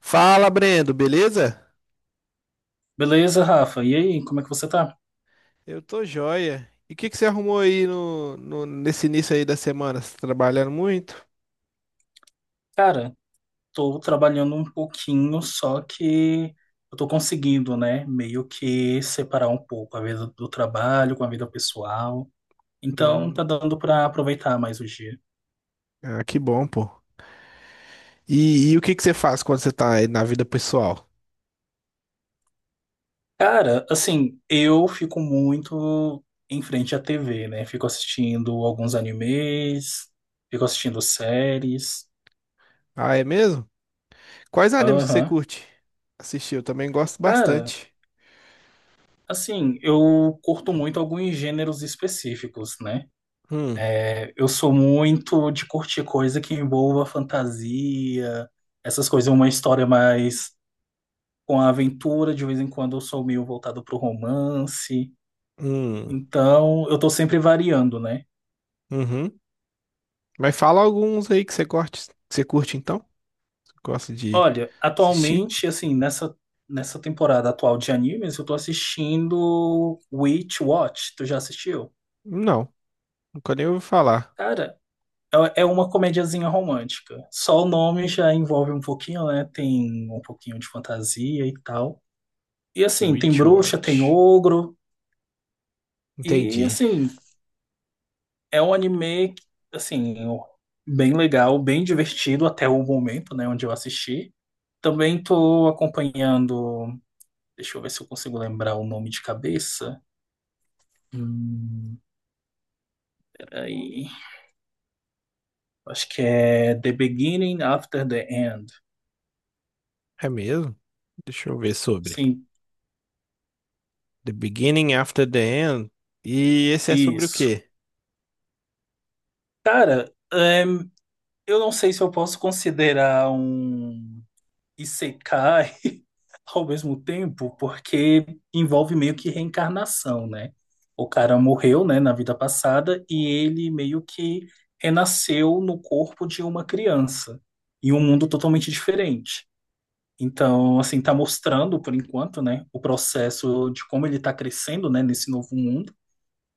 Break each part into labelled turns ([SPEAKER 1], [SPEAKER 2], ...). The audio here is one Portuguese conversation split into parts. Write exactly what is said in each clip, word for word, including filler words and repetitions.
[SPEAKER 1] Fala, Brendo, beleza?
[SPEAKER 2] Beleza, Rafa? E aí, como é que você tá?
[SPEAKER 1] Eu tô joia. E o que que você arrumou aí no, no- nesse início aí da semana? Você tá trabalhando muito?
[SPEAKER 2] Cara, tô trabalhando um pouquinho, só que eu tô conseguindo, né, meio que separar um pouco a vida do trabalho com a vida pessoal. Então,
[SPEAKER 1] Hum,
[SPEAKER 2] tá dando pra aproveitar mais o dia.
[SPEAKER 1] ah, que bom, pô. E, e o que que você faz quando você tá aí na vida pessoal?
[SPEAKER 2] Cara, assim, eu fico muito em frente à T V, né? Fico assistindo alguns animes, fico assistindo séries.
[SPEAKER 1] Ah, é mesmo? Quais animes que você
[SPEAKER 2] Aham.
[SPEAKER 1] curte assistir? Eu também gosto
[SPEAKER 2] Cara,
[SPEAKER 1] bastante.
[SPEAKER 2] assim, eu curto muito alguns gêneros específicos, né?
[SPEAKER 1] Hum,
[SPEAKER 2] É, eu sou muito de curtir coisa que envolva fantasia, essas coisas, uma história mais com a aventura, de vez em quando eu sou meio voltado pro romance.
[SPEAKER 1] hum,
[SPEAKER 2] Então, eu tô sempre variando, né?
[SPEAKER 1] uhum. Mas fala alguns aí que você curte, que você curte então? Você gosta de
[SPEAKER 2] Olha,
[SPEAKER 1] assistir?
[SPEAKER 2] atualmente, assim, nessa, nessa temporada atual de animes, eu tô assistindo Witch Watch. Tu já assistiu?
[SPEAKER 1] Não, nunca nem ouvi falar.
[SPEAKER 2] Cara, é é uma comediazinha romântica. Só o nome já envolve um pouquinho, né? Tem um pouquinho de fantasia e tal. E assim, tem
[SPEAKER 1] Witch
[SPEAKER 2] bruxa, tem
[SPEAKER 1] Watch.
[SPEAKER 2] ogro. E
[SPEAKER 1] Entendi.
[SPEAKER 2] assim, é um anime, assim, bem legal, bem divertido até o momento, né, onde eu assisti. Também tô acompanhando. Deixa eu ver se eu consigo lembrar o nome de cabeça. Hum, Peraí. Acho que é The Beginning After the End.
[SPEAKER 1] É mesmo? Deixa eu ver sobre.
[SPEAKER 2] Sim,
[SPEAKER 1] The Beginning After the End. E esse é sobre o
[SPEAKER 2] isso.
[SPEAKER 1] quê?
[SPEAKER 2] Cara, é, eu não sei se eu posso considerar um isekai ao mesmo tempo, porque envolve meio que reencarnação, né? O cara morreu, né, na vida passada e ele meio que renasceu no corpo de uma criança, em um mundo totalmente diferente. Então, assim, tá mostrando, por enquanto, né, o processo de como ele tá crescendo, né, nesse novo mundo,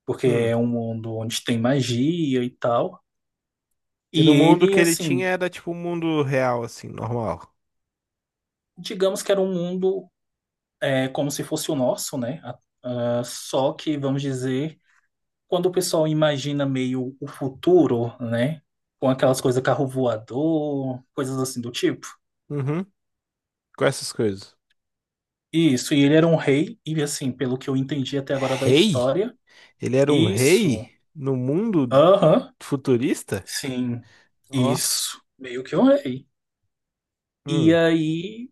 [SPEAKER 2] porque
[SPEAKER 1] Hum.
[SPEAKER 2] é um mundo onde tem magia e tal.
[SPEAKER 1] E
[SPEAKER 2] E
[SPEAKER 1] no mundo
[SPEAKER 2] ele,
[SPEAKER 1] que ele tinha
[SPEAKER 2] assim,
[SPEAKER 1] era tipo um mundo real, assim, normal.
[SPEAKER 2] digamos que era um mundo, é como se fosse o nosso, né? A- ah, só que, vamos dizer, quando o pessoal imagina meio o futuro, né? Com aquelas coisas carro voador, coisas assim do tipo.
[SPEAKER 1] Uhum. Com essas coisas.
[SPEAKER 2] Isso, e ele era um rei, e assim, pelo que eu entendi até agora da
[SPEAKER 1] Rei?
[SPEAKER 2] história,
[SPEAKER 1] Ele era um
[SPEAKER 2] isso,
[SPEAKER 1] rei no mundo
[SPEAKER 2] aham,
[SPEAKER 1] futurista?
[SPEAKER 2] sim,
[SPEAKER 1] Ó.
[SPEAKER 2] isso, meio que um rei. E
[SPEAKER 1] Hum.
[SPEAKER 2] aí,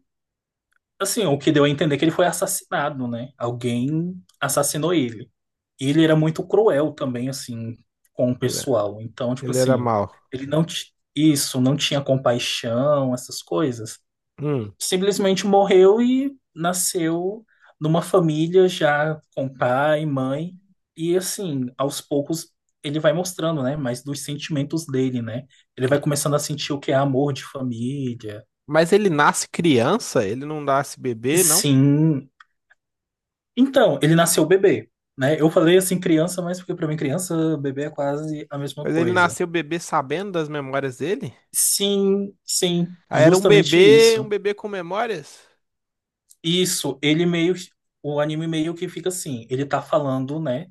[SPEAKER 2] assim, o que deu a entender é que ele foi assassinado, né? Alguém assassinou ele. Ele era muito cruel também, assim, com o
[SPEAKER 1] Ele
[SPEAKER 2] pessoal. Então, tipo
[SPEAKER 1] ele era
[SPEAKER 2] assim,
[SPEAKER 1] mau.
[SPEAKER 2] ele não, ti- isso, não tinha compaixão, essas coisas.
[SPEAKER 1] Hum.
[SPEAKER 2] Simplesmente morreu e nasceu numa família já com pai, mãe. E assim, aos poucos ele vai mostrando, né, mais dos sentimentos dele, né? Ele vai começando a sentir o que é amor de família.
[SPEAKER 1] Mas ele nasce criança? Ele não nasce bebê, não?
[SPEAKER 2] Sim. Então, ele nasceu bebê, né? Eu falei assim criança, mas porque para mim criança, bebê é quase a mesma
[SPEAKER 1] Mas ele
[SPEAKER 2] coisa.
[SPEAKER 1] nasceu bebê sabendo das memórias dele?
[SPEAKER 2] Sim, sim,
[SPEAKER 1] Ah, era um
[SPEAKER 2] justamente
[SPEAKER 1] bebê, um
[SPEAKER 2] isso.
[SPEAKER 1] bebê com memórias?
[SPEAKER 2] Isso, ele meio, o anime meio que fica assim, ele tá falando, né,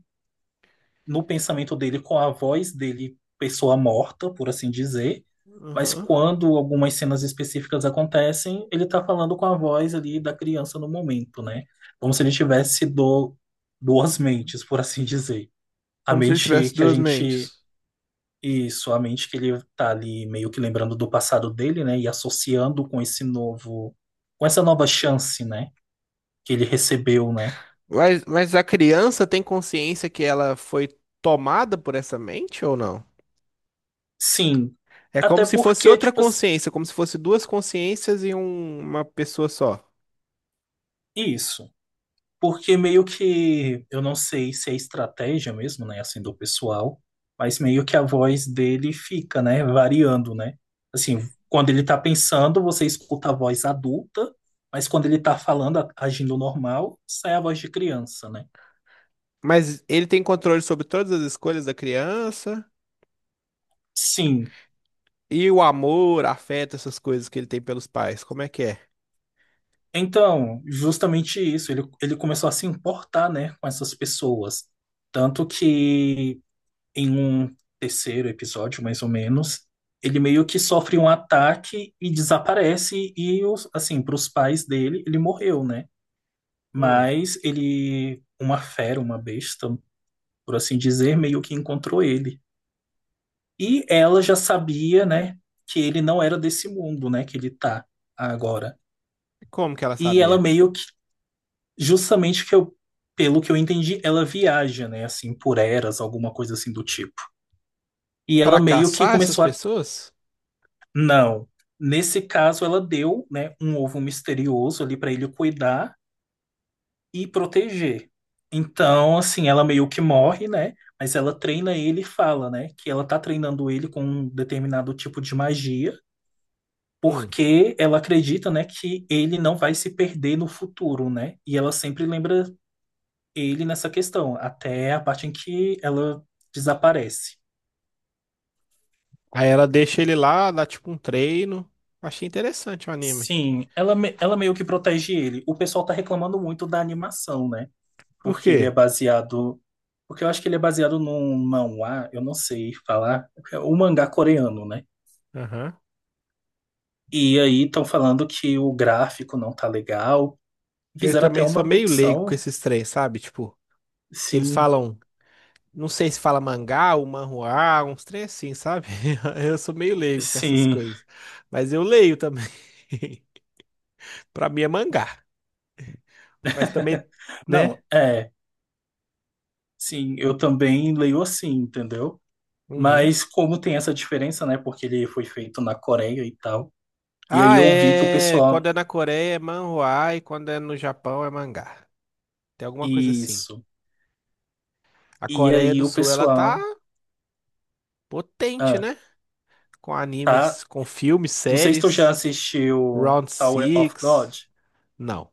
[SPEAKER 2] no pensamento dele com a voz dele, pessoa morta, por assim dizer, mas
[SPEAKER 1] Uhum.
[SPEAKER 2] quando algumas cenas específicas acontecem, ele tá falando com a voz ali da criança no momento, né? Como se ele tivesse do, duas mentes, por assim dizer. A
[SPEAKER 1] Como se ele
[SPEAKER 2] mente
[SPEAKER 1] tivesse
[SPEAKER 2] que a
[SPEAKER 1] duas
[SPEAKER 2] gente
[SPEAKER 1] mentes.
[SPEAKER 2] Isso, a mente que ele tá ali meio que lembrando do passado dele, né? E associando com esse novo, com essa nova chance, né? Que ele recebeu, né?
[SPEAKER 1] Mas, mas a criança tem consciência que ela foi tomada por essa mente ou não?
[SPEAKER 2] Sim,
[SPEAKER 1] É como
[SPEAKER 2] até
[SPEAKER 1] se fosse
[SPEAKER 2] porque,
[SPEAKER 1] outra
[SPEAKER 2] tipo, ass-
[SPEAKER 1] consciência, como se fosse duas consciências em um- uma pessoa só.
[SPEAKER 2] isso. Porque meio que, eu não sei se é estratégia mesmo, né? Assim, do pessoal, mas meio que a voz dele fica, né? Variando, né? Assim, quando ele tá pensando, você escuta a voz adulta, mas quando ele tá falando, a- agindo normal, sai a voz de criança, né?
[SPEAKER 1] Mas ele tem controle sobre todas as escolhas da criança
[SPEAKER 2] Sim.
[SPEAKER 1] e o amor, afeto, essas coisas que ele tem pelos pais. Como é que é?
[SPEAKER 2] Então, justamente isso, ele, ele começou a se importar, né, com essas pessoas. Tanto que em um terceiro episódio, mais ou menos, ele meio que sofre um ataque e desaparece, e os- assim, para os pais dele, ele morreu, né?
[SPEAKER 1] Hum.
[SPEAKER 2] Mas ele, uma fera, uma besta, por assim dizer, meio que encontrou ele. E ela já sabia, né, que ele não era desse mundo, né, que ele tá agora.
[SPEAKER 1] Como que ela
[SPEAKER 2] E ela
[SPEAKER 1] sabia?
[SPEAKER 2] meio justamente que eu, pelo que eu entendi, ela viaja, né, assim, por eras, alguma coisa assim do tipo. E
[SPEAKER 1] Pra
[SPEAKER 2] ela meio que
[SPEAKER 1] caçar essas
[SPEAKER 2] começou a.
[SPEAKER 1] pessoas?
[SPEAKER 2] Não. Nesse caso, ela deu, né, um ovo misterioso ali para ele cuidar e proteger. Então, assim, ela meio que morre, né? Mas ela treina ele e fala, né, que ela tá treinando ele com um determinado tipo de magia,
[SPEAKER 1] Hum.
[SPEAKER 2] porque ela acredita, né, que ele não vai se perder no futuro, né? E ela sempre lembra ele nessa questão, até a parte em que ela desaparece.
[SPEAKER 1] Aí ela deixa ele lá, dá tipo um treino. Achei interessante o anime.
[SPEAKER 2] Sim, ela, me- ela meio que protege ele. O pessoal tá reclamando muito da animação, né?
[SPEAKER 1] Por
[SPEAKER 2] Porque ele é
[SPEAKER 1] quê?
[SPEAKER 2] baseado. Porque eu acho que ele é baseado num manhwa, eu não sei falar, o mangá coreano, né?
[SPEAKER 1] Aham.
[SPEAKER 2] E aí estão falando que o gráfico não tá legal.
[SPEAKER 1] Eu
[SPEAKER 2] Fizeram até
[SPEAKER 1] também sou
[SPEAKER 2] uma
[SPEAKER 1] meio leigo com
[SPEAKER 2] petição.
[SPEAKER 1] esses três, sabe? Tipo, que eles
[SPEAKER 2] Sim,
[SPEAKER 1] falam, não sei se fala mangá ou manhua, uns três assim, sabe? Eu sou meio leigo com essas
[SPEAKER 2] sim.
[SPEAKER 1] coisas. Mas eu leio também. Pra mim é mangá. Mas também, né?
[SPEAKER 2] Não, é. Sim, eu também leio assim, entendeu?
[SPEAKER 1] Uhum.
[SPEAKER 2] Mas como tem essa diferença, né? Porque ele foi feito na Coreia e tal. E aí
[SPEAKER 1] Ah,
[SPEAKER 2] eu vi que o
[SPEAKER 1] é. Quando
[SPEAKER 2] pessoal.
[SPEAKER 1] é na Coreia é manhua e quando é no Japão é mangá. Tem alguma coisa assim.
[SPEAKER 2] Isso.
[SPEAKER 1] A
[SPEAKER 2] E
[SPEAKER 1] Coreia
[SPEAKER 2] aí
[SPEAKER 1] do
[SPEAKER 2] o
[SPEAKER 1] Sul, ela tá
[SPEAKER 2] pessoal.
[SPEAKER 1] potente,
[SPEAKER 2] Ah,
[SPEAKER 1] né? Com
[SPEAKER 2] tá.
[SPEAKER 1] animes, com filmes,
[SPEAKER 2] Não sei se tu já
[SPEAKER 1] séries.
[SPEAKER 2] assistiu
[SPEAKER 1] Round
[SPEAKER 2] Tower of
[SPEAKER 1] Six.
[SPEAKER 2] God.
[SPEAKER 1] Não.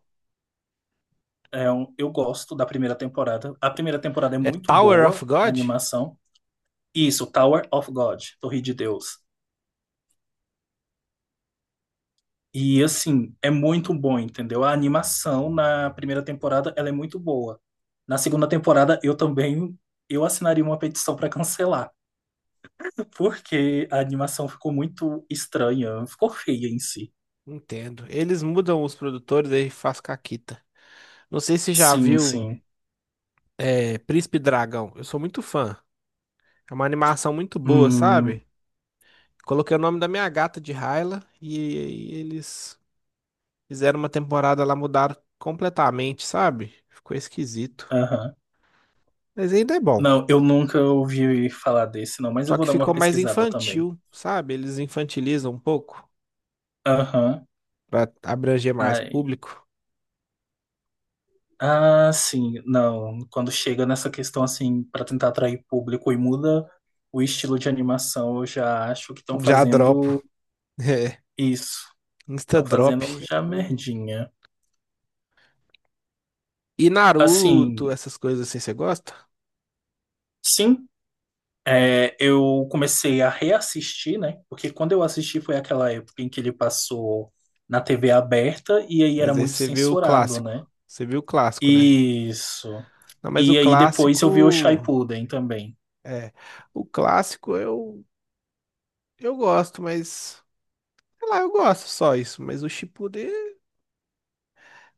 [SPEAKER 2] É um- eu gosto da primeira temporada. A primeira temporada é
[SPEAKER 1] É
[SPEAKER 2] muito
[SPEAKER 1] Tower of
[SPEAKER 2] boa, a
[SPEAKER 1] God?
[SPEAKER 2] animação. Isso, Tower of God, Torre de Deus. E assim, é muito bom, entendeu? A animação na primeira temporada, ela é muito boa. Na segunda temporada, eu também eu assinaria uma petição para cancelar. Porque a animação ficou muito estranha, ficou feia em si.
[SPEAKER 1] Entendo. Eles mudam os produtores aí faz caquita. Não sei se já
[SPEAKER 2] Sim,
[SPEAKER 1] viu
[SPEAKER 2] sim.
[SPEAKER 1] é, Príncipe Dragão. Eu sou muito fã. É uma animação muito boa,
[SPEAKER 2] Hum,
[SPEAKER 1] sabe? Coloquei o nome da minha gata de Hyla e, e eles fizeram uma temporada lá, mudaram completamente, sabe? Ficou esquisito.
[SPEAKER 2] aham.
[SPEAKER 1] Mas ainda é bom.
[SPEAKER 2] Não, eu nunca ouvi falar desse, não, mas eu
[SPEAKER 1] Só
[SPEAKER 2] vou
[SPEAKER 1] que
[SPEAKER 2] dar uma
[SPEAKER 1] ficou mais
[SPEAKER 2] pesquisada também.
[SPEAKER 1] infantil, sabe? Eles infantilizam um pouco
[SPEAKER 2] Aham.
[SPEAKER 1] pra abranger mais
[SPEAKER 2] Ai.
[SPEAKER 1] público.
[SPEAKER 2] Ah, sim, não. Quando chega nessa questão assim, pra tentar atrair público e muda o estilo de animação, eu já acho que estão
[SPEAKER 1] Já dropo.
[SPEAKER 2] fazendo
[SPEAKER 1] É,
[SPEAKER 2] isso.
[SPEAKER 1] Insta
[SPEAKER 2] Estão
[SPEAKER 1] drop.
[SPEAKER 2] fazendo já merdinha.
[SPEAKER 1] E Naruto,
[SPEAKER 2] Assim,
[SPEAKER 1] essas coisas assim, você gosta?
[SPEAKER 2] sim. É, eu comecei a reassistir, né? Porque quando eu assisti foi aquela época em que ele passou na T V aberta e aí era
[SPEAKER 1] Mas aí
[SPEAKER 2] muito
[SPEAKER 1] você viu o
[SPEAKER 2] censurado,
[SPEAKER 1] clássico.
[SPEAKER 2] né?
[SPEAKER 1] Você viu o clássico, né?
[SPEAKER 2] Isso.
[SPEAKER 1] Não, mas o
[SPEAKER 2] E aí depois eu vi o
[SPEAKER 1] clássico.
[SPEAKER 2] Shippuden também.
[SPEAKER 1] É. O clássico eu, eu gosto, mas. Sei lá, eu gosto só isso. Mas o Shippuden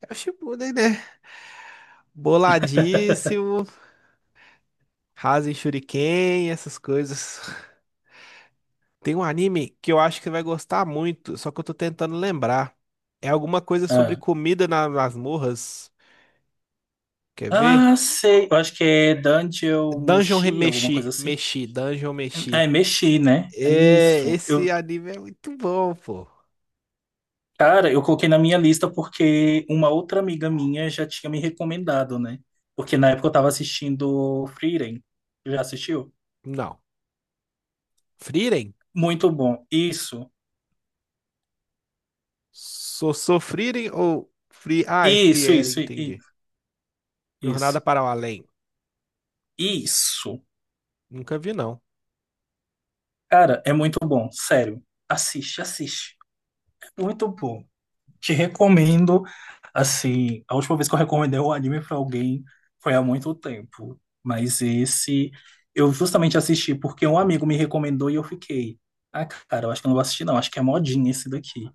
[SPEAKER 1] é o Shippuden, né? Boladíssimo, Rasen Shuriken, essas coisas. Tem um anime que eu acho que você vai gostar muito, só que eu tô tentando lembrar. É alguma coisa sobre
[SPEAKER 2] Ah,
[SPEAKER 1] comida nas masmorras. Quer ver?
[SPEAKER 2] ah, sei. Eu acho que é Dungeon
[SPEAKER 1] Dungeon Re-
[SPEAKER 2] Mushi, alguma
[SPEAKER 1] Meshi.
[SPEAKER 2] coisa assim.
[SPEAKER 1] Meshi, Dungeon
[SPEAKER 2] É,
[SPEAKER 1] Meshi.
[SPEAKER 2] mexi, né? É
[SPEAKER 1] É,
[SPEAKER 2] isso.
[SPEAKER 1] esse
[SPEAKER 2] Eu,
[SPEAKER 1] anime é muito bom, pô.
[SPEAKER 2] cara, eu coloquei na minha lista porque uma outra amiga minha já tinha me recomendado, né? Porque na época eu tava assistindo Frieren. Já assistiu?
[SPEAKER 1] Não. Frieren?
[SPEAKER 2] Muito bom. Isso.
[SPEAKER 1] sou sou Frieren ou Free. Ah, é
[SPEAKER 2] Isso,
[SPEAKER 1] Frieren,
[SPEAKER 2] isso, i- i-
[SPEAKER 1] entendi.
[SPEAKER 2] isso.
[SPEAKER 1] Jornada para o Além.
[SPEAKER 2] Isso.
[SPEAKER 1] Nunca vi, não.
[SPEAKER 2] Cara, é muito bom, sério. Assiste, assiste. É muito bom. Te recomendo, assim, a última vez que eu recomendei um anime pra alguém foi há muito tempo, mas esse eu justamente assisti porque um amigo me recomendou e eu fiquei, ah, cara, eu acho que eu não vou assistir não, acho que é modinha esse daqui.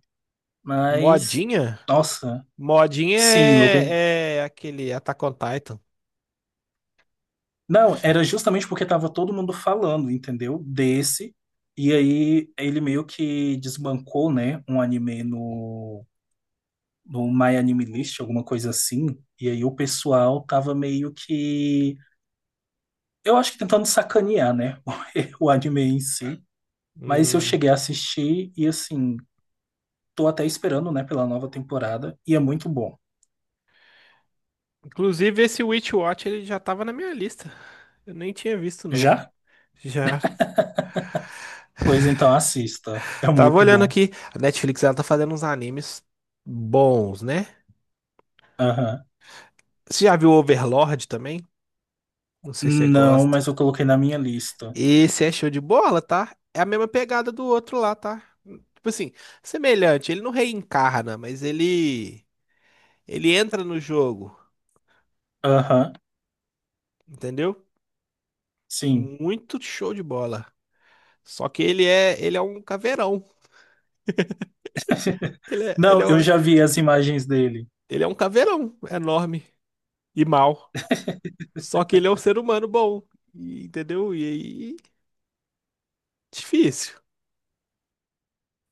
[SPEAKER 2] Mas,
[SPEAKER 1] Modinha?
[SPEAKER 2] nossa,
[SPEAKER 1] Modinha
[SPEAKER 2] sim, eu,
[SPEAKER 1] é, é aquele Attack on Titan.
[SPEAKER 2] não, era justamente porque tava todo mundo falando, entendeu? Desse. E aí ele meio que desbancou, né, um anime no, no My Anime List, alguma coisa assim. E aí o pessoal tava meio que, eu acho que tentando sacanear, né, o anime em si. Mas eu
[SPEAKER 1] Hum,
[SPEAKER 2] cheguei a assistir e assim, tô até esperando, né, pela nova temporada e é muito bom.
[SPEAKER 1] Inclusive, esse Witch Watch ele já tava na minha lista. Eu nem tinha visto, não.
[SPEAKER 2] Já?
[SPEAKER 1] Já.
[SPEAKER 2] Pois então assista. É
[SPEAKER 1] Tava
[SPEAKER 2] muito
[SPEAKER 1] olhando
[SPEAKER 2] bom.
[SPEAKER 1] aqui. A Netflix ela tá fazendo uns animes bons, né?
[SPEAKER 2] Aham.
[SPEAKER 1] Você já viu Overlord também? Não sei se você
[SPEAKER 2] Não,
[SPEAKER 1] gosta.
[SPEAKER 2] mas eu coloquei na minha lista.
[SPEAKER 1] Esse é show de bola, tá? É a mesma pegada do outro lá, tá? Tipo assim, semelhante, ele não reencarna, mas ele ele entra no jogo,
[SPEAKER 2] Aham.
[SPEAKER 1] entendeu?
[SPEAKER 2] Sim.
[SPEAKER 1] Muito show de bola. Só que ele é ele é um caveirão. Ele é, ele é,
[SPEAKER 2] Não, eu
[SPEAKER 1] um-
[SPEAKER 2] já vi as imagens dele.
[SPEAKER 1] ele é um caveirão enorme e mau. Só que ele é um ser humano bom, e- entendeu? E aí, difícil,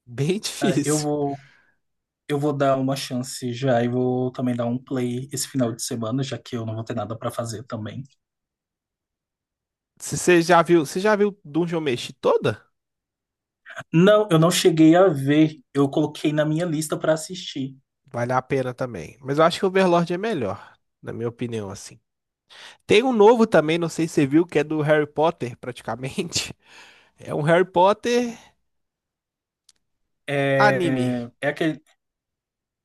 [SPEAKER 1] bem
[SPEAKER 2] Ah, eu
[SPEAKER 1] difícil.
[SPEAKER 2] vou, eu vou dar uma chance já e vou também dar um play esse final de semana, já que eu não vou ter nada pra fazer também.
[SPEAKER 1] Você já viu, você já viu Dungeon Meshi toda?
[SPEAKER 2] Não, eu não cheguei a ver. Eu coloquei na minha lista pra assistir.
[SPEAKER 1] Vale a pena também. Mas eu acho que o Overlord é melhor, na minha opinião, assim. Tem um novo também, não sei se você viu, que é do Harry Potter, praticamente. É um Harry Potter anime.
[SPEAKER 2] É, é aquele.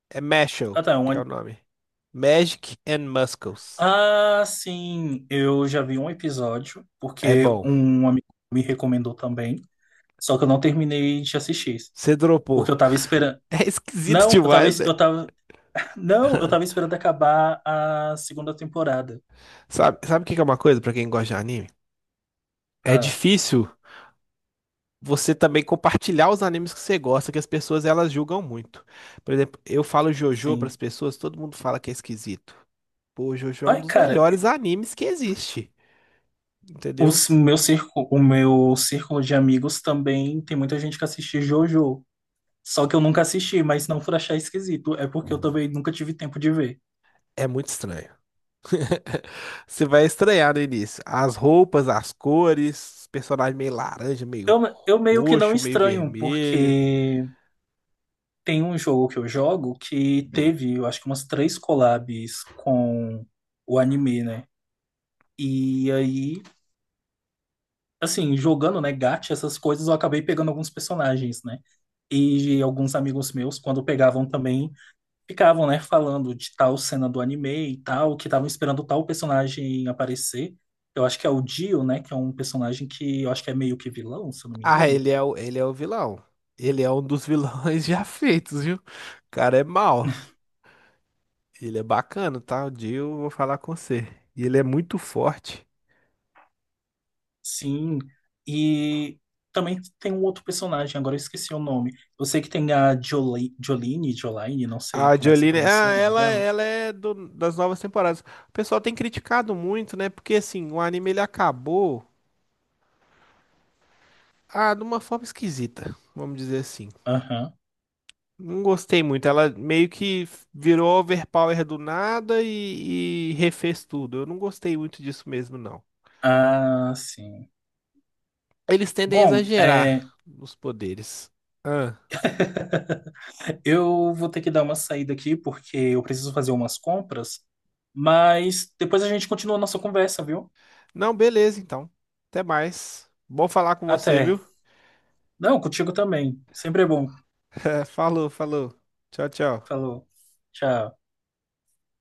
[SPEAKER 1] É Mashle,
[SPEAKER 2] Ah, tá, é um,
[SPEAKER 1] que é o
[SPEAKER 2] ani-
[SPEAKER 1] nome. Magic and Muscles.
[SPEAKER 2] ah, sim, eu já vi um episódio,
[SPEAKER 1] É
[SPEAKER 2] porque
[SPEAKER 1] bom.
[SPEAKER 2] um amigo me recomendou também. Só que eu não terminei de assistir,
[SPEAKER 1] Você
[SPEAKER 2] porque
[SPEAKER 1] dropou.
[SPEAKER 2] eu tava esperando.
[SPEAKER 1] É esquisito
[SPEAKER 2] Não, eu tava,
[SPEAKER 1] demais, né?
[SPEAKER 2] eu tava, não, eu tava esperando acabar a segunda temporada.
[SPEAKER 1] Sabe, sabe o que que é uma coisa pra quem gosta de anime? É
[SPEAKER 2] Ah,
[SPEAKER 1] difícil você também compartilhar os animes que você gosta, que as pessoas elas julgam muito. Por exemplo, eu falo JoJo pras
[SPEAKER 2] sim.
[SPEAKER 1] pessoas, todo mundo fala que é esquisito. Pô, Jojo é um
[SPEAKER 2] Ai,
[SPEAKER 1] dos
[SPEAKER 2] cara,
[SPEAKER 1] melhores animes que existe,
[SPEAKER 2] o
[SPEAKER 1] entendeu?
[SPEAKER 2] meu círculo, o meu círculo de amigos também tem muita gente que assiste JoJo. Só que eu nunca assisti, mas não por achar esquisito, é porque eu também nunca tive tempo de ver.
[SPEAKER 1] É muito estranho. Você vai estranhar no início. As roupas, as cores, os personagens meio laranja, meio
[SPEAKER 2] Eu, eu meio que não
[SPEAKER 1] roxo, meio
[SPEAKER 2] estranho,
[SPEAKER 1] vermelho.
[SPEAKER 2] porque tem um jogo que eu jogo que teve, eu acho que umas três collabs com o anime, né? E aí assim, jogando, né, gacha, essas coisas, eu acabei pegando alguns personagens, né? E alguns amigos meus, quando pegavam também, ficavam, né, falando de tal cena do anime e tal, que estavam esperando tal personagem aparecer. Eu acho que é o Dio, né, que é um personagem que eu acho que é meio que vilão, se eu não me
[SPEAKER 1] Ah,
[SPEAKER 2] engano.
[SPEAKER 1] ele é o, ele é o vilão. Ele é um dos vilões já feitos, viu? O cara é mau. Ele é bacana, tá? Um dia eu vou falar com você. E ele é muito forte.
[SPEAKER 2] Sim. E também tem um outro personagem, agora eu esqueci o nome. Eu sei que tem a Jolie, Jolene, Jolaine, não sei
[SPEAKER 1] A
[SPEAKER 2] como é que você
[SPEAKER 1] Jolene,
[SPEAKER 2] pronuncia
[SPEAKER 1] ah,
[SPEAKER 2] o nome
[SPEAKER 1] ela,
[SPEAKER 2] dela.
[SPEAKER 1] ela é do- das novas temporadas. O pessoal tem criticado muito, né? Porque assim, o anime ele acabou ah, de uma forma esquisita, vamos dizer assim.
[SPEAKER 2] Aham.
[SPEAKER 1] Não gostei muito. Ela meio que virou overpower do nada e, e refez tudo. Eu não gostei muito disso mesmo, não.
[SPEAKER 2] Ah, sim.
[SPEAKER 1] Eles tendem a
[SPEAKER 2] Bom,
[SPEAKER 1] exagerar
[SPEAKER 2] é,
[SPEAKER 1] nos poderes. Ah.
[SPEAKER 2] eu vou ter que dar uma saída aqui porque eu preciso fazer umas compras, mas depois a gente continua a nossa conversa, viu?
[SPEAKER 1] Não, beleza, então. Até mais. Bom falar com você, viu?
[SPEAKER 2] Até. Não, contigo também. Sempre é bom.
[SPEAKER 1] É, falou, falou. Tchau, tchau.
[SPEAKER 2] Falou. Tchau.